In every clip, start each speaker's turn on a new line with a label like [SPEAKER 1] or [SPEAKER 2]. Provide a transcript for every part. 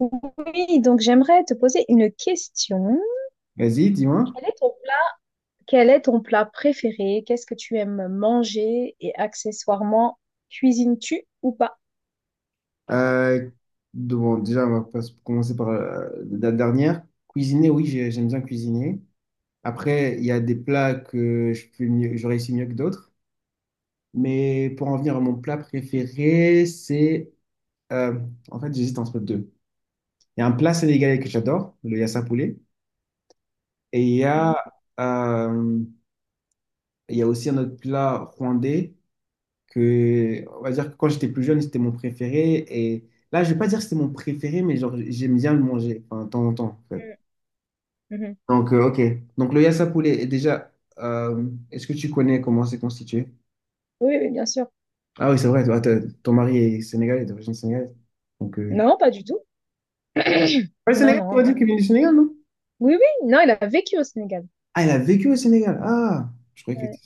[SPEAKER 1] Oui, donc j'aimerais te poser une question.
[SPEAKER 2] Vas-y, dis-moi.
[SPEAKER 1] Quel est ton plat, quel est ton plat préféré? Qu'est-ce que tu aimes manger? Et accessoirement, cuisines-tu ou pas?
[SPEAKER 2] Euh, bon, déjà, on va pas commencer par la dernière. Cuisiner, oui, j'aime bien cuisiner. Après, il y a des plats que je fais mieux, je réussis mieux que d'autres. Mais pour en venir à mon plat préféré, c'est... euh, en fait, j'hésite entre deux. Il y a un plat sénégalais que j'adore, le yassa poulet. Et
[SPEAKER 1] Mhm.
[SPEAKER 2] euh, il y a aussi un autre plat rwandais que, on va dire que quand j'étais plus jeune, c'était mon préféré. Et là, je vais pas dire que c'était mon préféré, mais genre, j'aime bien le manger, enfin, de temps en temps, en fait.
[SPEAKER 1] Mhm.
[SPEAKER 2] Donc, ok. Donc, le yassa poulet, et déjà, est-ce que tu connais comment c'est constitué?
[SPEAKER 1] Oui, oui, bien sûr.
[SPEAKER 2] Ah oui, c'est vrai, toi, ton mari est sénégalais, d'origine sénégalaise. Donc,
[SPEAKER 1] Non, pas du tout.
[SPEAKER 2] Ouais,
[SPEAKER 1] Non,
[SPEAKER 2] Sénégal, tu
[SPEAKER 1] non,
[SPEAKER 2] m'as
[SPEAKER 1] non.
[SPEAKER 2] dit qu'il vient du Sénégal, non?
[SPEAKER 1] Oui, oui, non, il a vécu au Sénégal.
[SPEAKER 2] Ah, elle a vécu au Sénégal. Ah, je croyais que...
[SPEAKER 1] Ouais.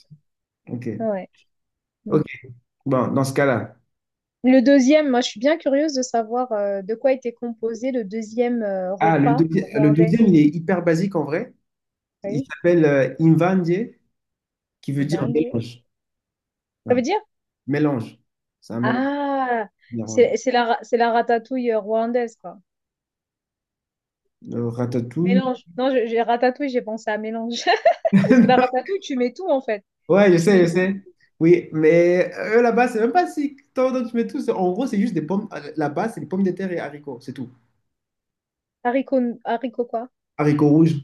[SPEAKER 2] Ok,
[SPEAKER 1] Ouais.
[SPEAKER 2] ok.
[SPEAKER 1] Mhm.
[SPEAKER 2] Bon, dans ce cas-là.
[SPEAKER 1] Le deuxième, moi, je suis bien curieuse de savoir de quoi était composé le deuxième
[SPEAKER 2] Ah,
[SPEAKER 1] repas
[SPEAKER 2] le
[SPEAKER 1] rwandais.
[SPEAKER 2] deuxième, il est hyper basique en vrai. Il
[SPEAKER 1] Oui,
[SPEAKER 2] s'appelle Imvandye, qui veut dire
[SPEAKER 1] Banje.
[SPEAKER 2] mélange. Ouais.
[SPEAKER 1] Ça veut dire?
[SPEAKER 2] Mélange. C'est un mélange
[SPEAKER 1] Ah,
[SPEAKER 2] néerlandais.
[SPEAKER 1] c'est la ratatouille rwandaise, quoi.
[SPEAKER 2] Ratatouille.
[SPEAKER 1] Mélange. Non, j'ai ratatouille, j'ai pensé à mélange. Parce que la ratatouille, tu mets tout en fait.
[SPEAKER 2] Ouais, je
[SPEAKER 1] Tu mets
[SPEAKER 2] sais, je
[SPEAKER 1] tout.
[SPEAKER 2] sais. Oui, mais eux là-bas, c'est même pas si tant dont tu mets tout. En gros, c'est juste des pommes. Là-bas, c'est des pommes de terre et haricots, c'est tout.
[SPEAKER 1] Haricots, haricots quoi?
[SPEAKER 2] Haricots rouges.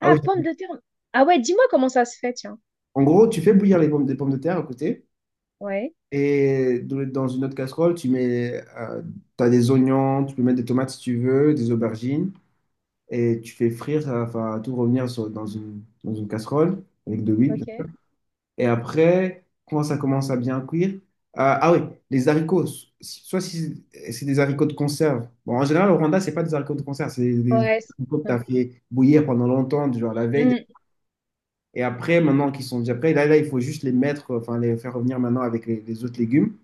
[SPEAKER 2] Ah oui.
[SPEAKER 1] Ah, pommes de terre. Ah ouais, dis-moi comment ça se fait, tiens.
[SPEAKER 2] En gros, tu fais bouillir les pommes, des pommes de terre à côté.
[SPEAKER 1] Ouais,
[SPEAKER 2] Et dans une autre casserole, tu mets. Tu as des oignons, tu peux mettre des tomates si tu veux, des aubergines. Et tu fais frire, ça va tout revenir dans dans une casserole avec de l'huile, bien sûr.
[SPEAKER 1] ok.
[SPEAKER 2] Et après, quand ça commence à bien cuire, ah oui, les haricots, soit si c'est des haricots de conserve. Bon, en général, au Rwanda, c'est pas des haricots de conserve, c'est des
[SPEAKER 1] Ouais,
[SPEAKER 2] haricots que tu as
[SPEAKER 1] ouais.
[SPEAKER 2] fait bouillir pendant longtemps, du genre la veille.
[SPEAKER 1] Hmm,
[SPEAKER 2] Et après, maintenant qu'ils sont déjà prêts, là, il faut juste les mettre, enfin, les faire revenir maintenant avec les autres légumes.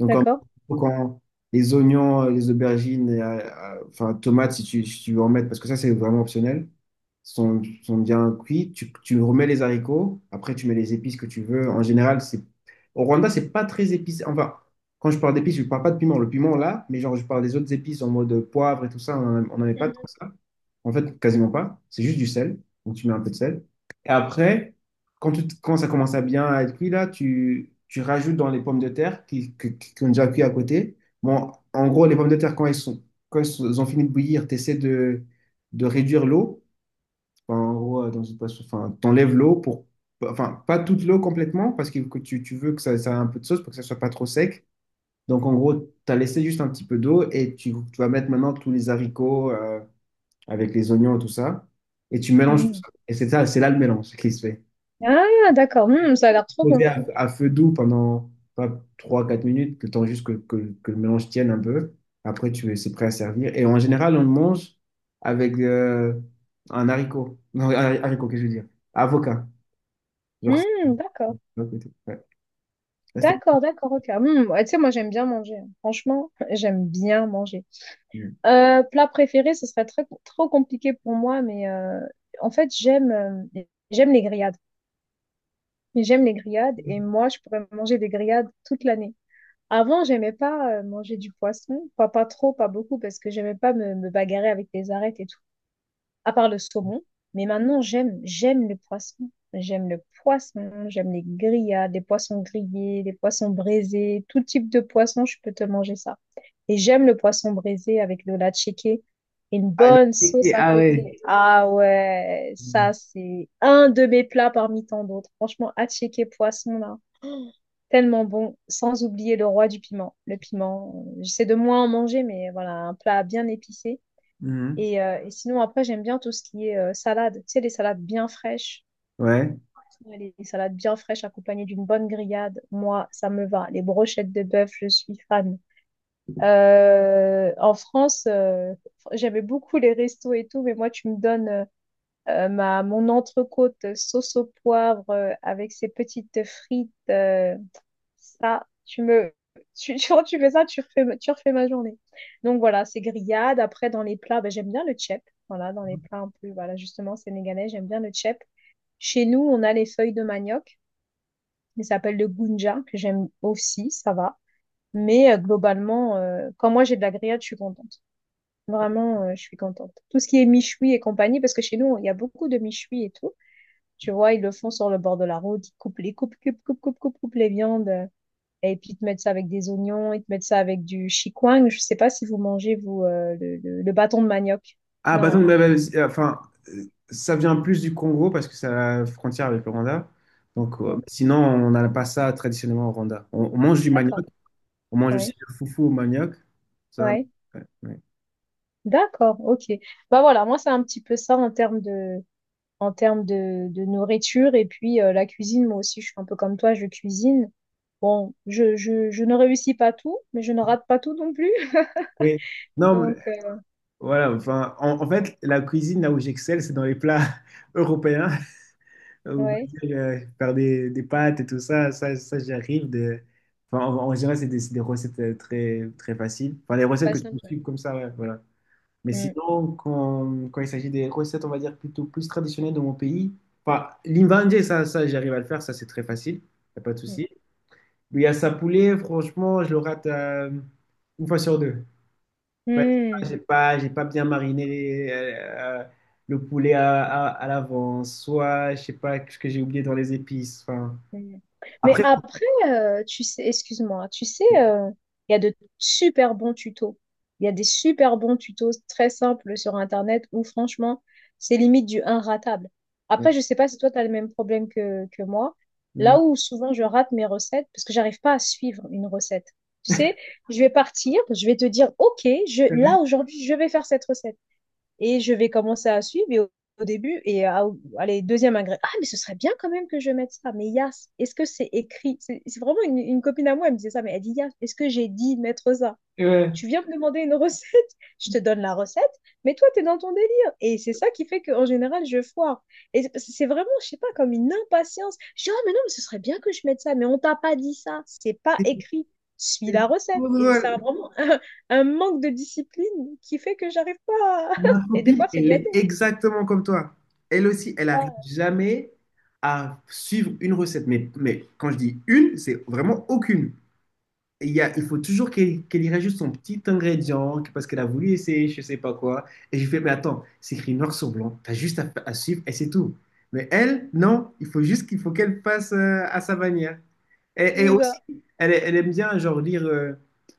[SPEAKER 2] Donc, en
[SPEAKER 1] d'accord.
[SPEAKER 2] quand les oignons, les aubergines, et, enfin, tomates, si si tu veux en mettre, parce que ça, c'est vraiment optionnel, sont bien cuits. Tu remets les haricots. Après, tu mets les épices que tu veux. En général, c'est au Rwanda, c'est pas très épicé. Enfin, quand je parle d'épices, je parle pas de piment. Le piment, là, mais genre, je parle des autres épices en mode poivre et tout ça, on n'en met pas tant que
[SPEAKER 1] Mhm.
[SPEAKER 2] ça. En fait, quasiment pas. C'est juste du sel. Donc, tu mets un peu de sel. Et après, quand ça commence à bien être cuit, là, tu rajoutes dans les pommes de terre qui ont déjà cuit à côté. Bon, en gros, les pommes de terre, quand elles ont fini de bouillir, tu essaies de réduire l'eau. Enfin, en gros, enfin, t'enlèves l'eau pour, enfin, pas toute l'eau complètement parce que tu veux que ça ait un peu de sauce pour que ça soit pas trop sec. Donc, en gros, tu as laissé juste un petit peu d'eau et tu vas mettre maintenant tous les haricots, avec les oignons et tout ça, et tu mélanges tout
[SPEAKER 1] Hmm.
[SPEAKER 2] ça. Et c'est ça, c'est là le mélange qui se fait.
[SPEAKER 1] Ah, d'accord. Hmm, ça a l'air trop bon.
[SPEAKER 2] Sauter à feu doux pendant trois quatre minutes, le temps juste que le mélange tienne un peu. Après, tu c'est prêt à servir. Et en général, on le mange avec un haricot. Non, haricot, qu'est-ce que je veux dire? Avocat. Genre, ça.
[SPEAKER 1] Hmm, d'accord.
[SPEAKER 2] Ouais. Ça, c'était-
[SPEAKER 1] D'accord, d'accord, ok. Hmm, ouais, tu sais, moi, j'aime bien manger, hein. Franchement, j'aime bien manger. Plat préféré, ce serait très, trop compliqué pour moi, mais en fait, j'aime les grillades. Mais j'aime les grillades et moi, je pourrais manger des grillades toute l'année. Avant, j'aimais pas manger du poisson, pas trop, pas beaucoup, parce que j'aimais pas me bagarrer avec les arêtes et tout, à part le saumon. Mais maintenant, j'aime le poisson. J'aime le poisson, j'aime les grillades, les poissons grillés, les poissons braisés, tout type de poisson, je peux te manger ça. Et j'aime le poisson braisé avec de la et une
[SPEAKER 2] Ah, la-
[SPEAKER 1] bonne sauce à
[SPEAKER 2] ah ouais.
[SPEAKER 1] côté. Ah ouais, ça, c'est un de mes plats parmi tant d'autres. Franchement, à poisson, là. Tellement bon, sans oublier le roi du piment. Le piment, j'essaie de moins en manger, mais voilà, un plat bien épicé.
[SPEAKER 2] Mhm.
[SPEAKER 1] Et sinon, après, j'aime bien tout ce qui est salade. Tu sais, les salades bien fraîches.
[SPEAKER 2] Ouais.
[SPEAKER 1] Ouais, les salades bien fraîches accompagnées d'une bonne grillade, moi, ça me va. Les brochettes de bœuf, je suis fan. En France, j'aimais beaucoup les restos et tout, mais moi, tu me donnes mon entrecôte sauce au poivre avec ses petites frites. Ça, tu me. Tu, tu, quand tu fais ça, tu refais ma journée. Donc voilà, c'est grillade. Après, dans les plats, ben, j'aime bien le tchèp. Voilà, dans les plats un peu, voilà, justement, sénégalais, j'aime bien le tchèp. Chez nous, on a les feuilles de manioc, mais ça s'appelle le gounja, que j'aime aussi, ça va. Mais globalement, quand moi j'ai de la grillade, je suis contente. Vraiment, je suis contente. Tout ce qui est michoui et compagnie, parce que chez nous, il y a beaucoup de michoui et tout. Tu vois, ils le font sur le bord de la route, ils coupent les coupent, coupent, coupent, coupent, coupent, coupent les viandes. Et puis, ils te mettent ça avec des oignons, ils te mettent ça avec du chikwang. Je sais pas si vous mangez, vous, le bâton de manioc.
[SPEAKER 2] Ah,
[SPEAKER 1] Non, hein.
[SPEAKER 2] Enfin, euh, ça vient plus du Congo parce que c'est à la frontière avec le Rwanda. Donc,
[SPEAKER 1] Mm.
[SPEAKER 2] sinon, on n'a pas ça traditionnellement au Rwanda. On mange du
[SPEAKER 1] D'accord.
[SPEAKER 2] manioc, on mange aussi
[SPEAKER 1] Ouais.
[SPEAKER 2] le foufou au manioc. Ça,
[SPEAKER 1] Ouais.
[SPEAKER 2] ouais, ouais.
[SPEAKER 1] D'accord. OK. Bah voilà, moi, c'est un petit peu ça en termes de, de nourriture. Et puis, la cuisine, moi aussi, je suis un peu comme toi, je cuisine. Bon, je ne réussis pas tout, mais je ne rate pas tout non plus.
[SPEAKER 2] Oui. Non, mais
[SPEAKER 1] Donc,
[SPEAKER 2] voilà, enfin, en fait, la cuisine, là où j'excelle, c'est dans les plats européens. Où, on va
[SPEAKER 1] ouais,
[SPEAKER 2] dire, faire des pâtes et tout ça, ça j'y arrive. De... Enfin, en général, c'est des recettes très faciles. Enfin, les recettes
[SPEAKER 1] pas
[SPEAKER 2] que tu peux
[SPEAKER 1] simple.
[SPEAKER 2] suivre comme ça, ouais, voilà. Mais
[SPEAKER 1] Mm.
[SPEAKER 2] sinon, quand il s'agit des recettes, on va dire plutôt plus traditionnelles de mon pays, enfin, l'invandé, ça j'arrive à le faire, ça c'est très facile, y a pas de
[SPEAKER 1] Mm.
[SPEAKER 2] souci. Mais à sa poulet, franchement, je le rate une fois sur deux. Enfin,
[SPEAKER 1] Mm.
[SPEAKER 2] j'ai pas bien mariné le poulet à l'avance, soit je sais pas ce que j'ai oublié dans les épices. Enfin,
[SPEAKER 1] Mm. Mais
[SPEAKER 2] après,
[SPEAKER 1] après, tu sais, excuse-moi, tu sais, il y a de super bons tutos. Il y a des super bons tutos très simples sur Internet où franchement, c'est limite du un ratable. Après, je sais pas si toi, tu as le même problème que moi. Là
[SPEAKER 2] mhm.
[SPEAKER 1] où souvent je rate mes recettes, parce que j'arrive pas à suivre une recette. Tu sais, je vais partir, je vais te dire, OK, là aujourd'hui, je vais faire cette recette. Et je vais commencer à suivre et au début, allez, deuxième ingrédient. Ah, mais ce serait bien quand même que je mette ça. Mais Yas, est-ce que c'est écrit? C'est vraiment une copine à moi, elle me disait ça, mais elle dit Yas, est-ce que j'ai dit de mettre ça?
[SPEAKER 2] Ouais.
[SPEAKER 1] Tu viens me demander une recette, je te donne la recette, mais toi, tu es dans ton délire. Et c'est ça qui fait qu'en général, je foire. Et c'est vraiment, je sais pas, comme une impatience. Je dis, ah, mais non, mais ce serait bien que je mette ça, mais on t'a pas dit ça, c'est pas
[SPEAKER 2] C'est
[SPEAKER 1] écrit, suis
[SPEAKER 2] c'est
[SPEAKER 1] la recette.
[SPEAKER 2] trop
[SPEAKER 1] Et ça a
[SPEAKER 2] drôle.
[SPEAKER 1] vraiment un manque de discipline qui fait que j'arrive pas.
[SPEAKER 2] Ma
[SPEAKER 1] Et des
[SPEAKER 2] copine,
[SPEAKER 1] fois, c'est
[SPEAKER 2] elle est
[SPEAKER 1] gâté.
[SPEAKER 2] exactement comme toi. Elle aussi, elle n'arrive
[SPEAKER 1] Ah,
[SPEAKER 2] jamais à suivre une recette. Mais quand je dis une, c'est vraiment aucune. Il y a- il faut toujours qu'elle y rajoute son petit ingrédient que- parce qu'elle a voulu essayer, je sais pas quoi. Et je fais, mais attends, c'est écrit noir sur blanc, t'as juste à suivre et c'est tout. Mais elle, non, il faut juste qu'elle fasse à sa manière. Et
[SPEAKER 1] c'est
[SPEAKER 2] aussi,
[SPEAKER 1] ça.
[SPEAKER 2] elle aime bien genre lire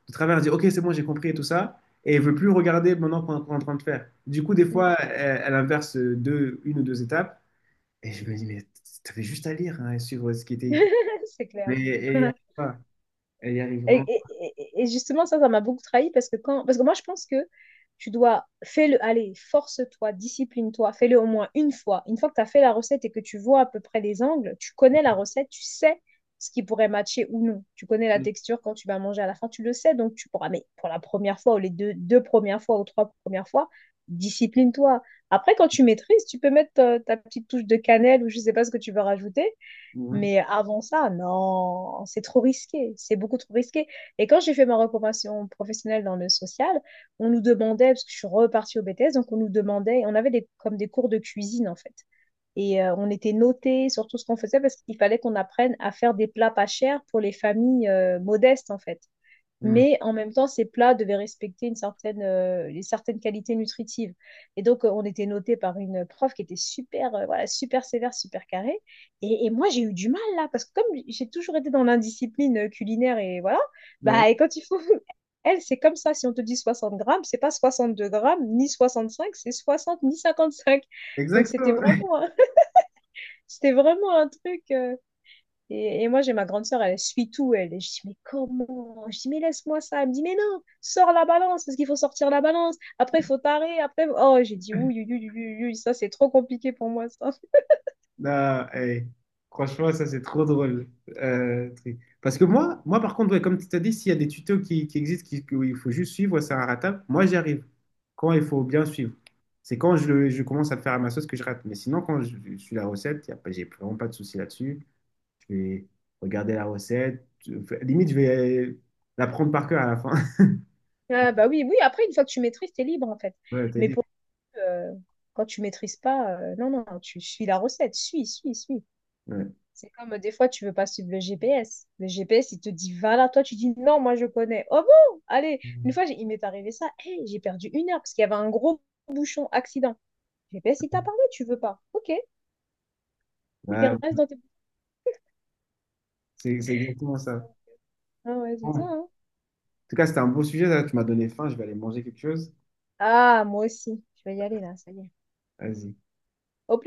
[SPEAKER 2] de travers, dire, ok, c'est bon, j'ai compris et tout ça. Et elle veut plus regarder maintenant qu'on est en train de faire. Du coup, des fois, elle inverse une ou deux étapes. Et je me dis, mais t'avais juste à lire hein, et suivre ce qui était écrit.
[SPEAKER 1] C'est clair.
[SPEAKER 2] Mais elle y arrive pas. Elle y arrive
[SPEAKER 1] Et,
[SPEAKER 2] vraiment
[SPEAKER 1] et- et justement, ça m'a beaucoup trahi parce parce que moi, je pense que tu dois, fais-le, allez, force-toi, discipline-toi, fais-le au moins une fois. Une fois que tu as fait la recette et que tu vois à peu près les angles, tu connais la recette, tu sais ce qui pourrait matcher ou non. Tu connais la
[SPEAKER 2] pas.
[SPEAKER 1] texture quand tu vas manger à la fin, tu le sais, donc tu pourras, mais pour la première fois ou les deux premières fois ou trois premières fois, discipline-toi. Après, quand tu maîtrises, tu peux mettre ta, petite touche de cannelle ou je sais pas ce que tu veux rajouter.
[SPEAKER 2] Mhm.
[SPEAKER 1] Mais avant ça, non, c'est trop risqué, c'est beaucoup trop risqué. Et quand j'ai fait ma reconversion professionnelle dans le social, on nous demandait, parce que je suis repartie au BTS, donc on nous demandait, on avait des, comme des cours de cuisine en fait. Et on était notés sur tout ce qu'on faisait parce qu'il fallait qu'on apprenne à faire des plats pas chers pour les familles modestes en fait,
[SPEAKER 2] Mm.
[SPEAKER 1] mais en même temps, ces plats devaient respecter une certaine qualité nutritive. Et donc, on était noté par une prof qui était super, voilà, super sévère, super carrée. Et moi, j'ai eu du mal là, parce que comme j'ai toujours été dans l'indiscipline culinaire et voilà,
[SPEAKER 2] Ouais,
[SPEAKER 1] bah, et quand il faut. Elle, c'est comme ça. Si on te dit 60 grammes, c'est pas 62 grammes, ni 65, c'est 60, ni 55. Donc, c'était
[SPEAKER 2] exactement.
[SPEAKER 1] vraiment, c'était vraiment un truc. Et moi, j'ai ma grande sœur, elle suit tout. Et je dis, mais comment? Je dis, mais laisse-moi ça. Elle me dit, mais non, sors la balance, parce qu'il faut sortir la balance. Après, il faut tarer. Après, oh, j'ai dit, oui, oui, oui, oui, oui, ça, c'est trop compliqué pour moi, ça.
[SPEAKER 2] Non, hey, franchement, ça c'est trop drôle. Truc. Parce que moi, par contre, ouais, comme tu t'as dit, s'il y a des tutos qui existent, où il faut juste suivre, ouais, c'est un ratable, moi j'y arrive. Quand il faut bien suivre. C'est quand je commence à le faire à ma sauce que je rate. Mais sinon, quand je suis la recette, y a pas- j'ai vraiment pas de souci là-dessus. Je vais regarder la recette. Je- limite, je vais la prendre par cœur à la fin.
[SPEAKER 1] Ah, bah oui, oui, après, une fois que tu maîtrises, t'es libre, en fait.
[SPEAKER 2] Ouais, t'as
[SPEAKER 1] Mais
[SPEAKER 2] dit.
[SPEAKER 1] pour euh, quand tu maîtrises pas, non, non, tu suis la recette. Suis, suis, suis.
[SPEAKER 2] Ouais.
[SPEAKER 1] C'est comme des fois, tu veux pas suivre le GPS. Le GPS, il te dit, va là, toi, tu dis, non, moi, je connais. Oh bon? Allez, une fois, il m'est arrivé ça. Hey, j'ai perdu 1 heure, parce qu'il y avait un gros bouchon accident. J'ai fait, si t'as parlé, tu veux pas. Ok, ok,
[SPEAKER 2] Ouais,
[SPEAKER 1] reste dans tes...
[SPEAKER 2] c'est exactement ça.
[SPEAKER 1] Ah ouais, c'est ça, hein.
[SPEAKER 2] Tout cas, c'était un beau sujet là. Tu m'as donné faim. Je vais aller manger quelque chose.
[SPEAKER 1] Ah, moi aussi. Je vais y aller là, ça y est.
[SPEAKER 2] Vas-y.
[SPEAKER 1] Hop.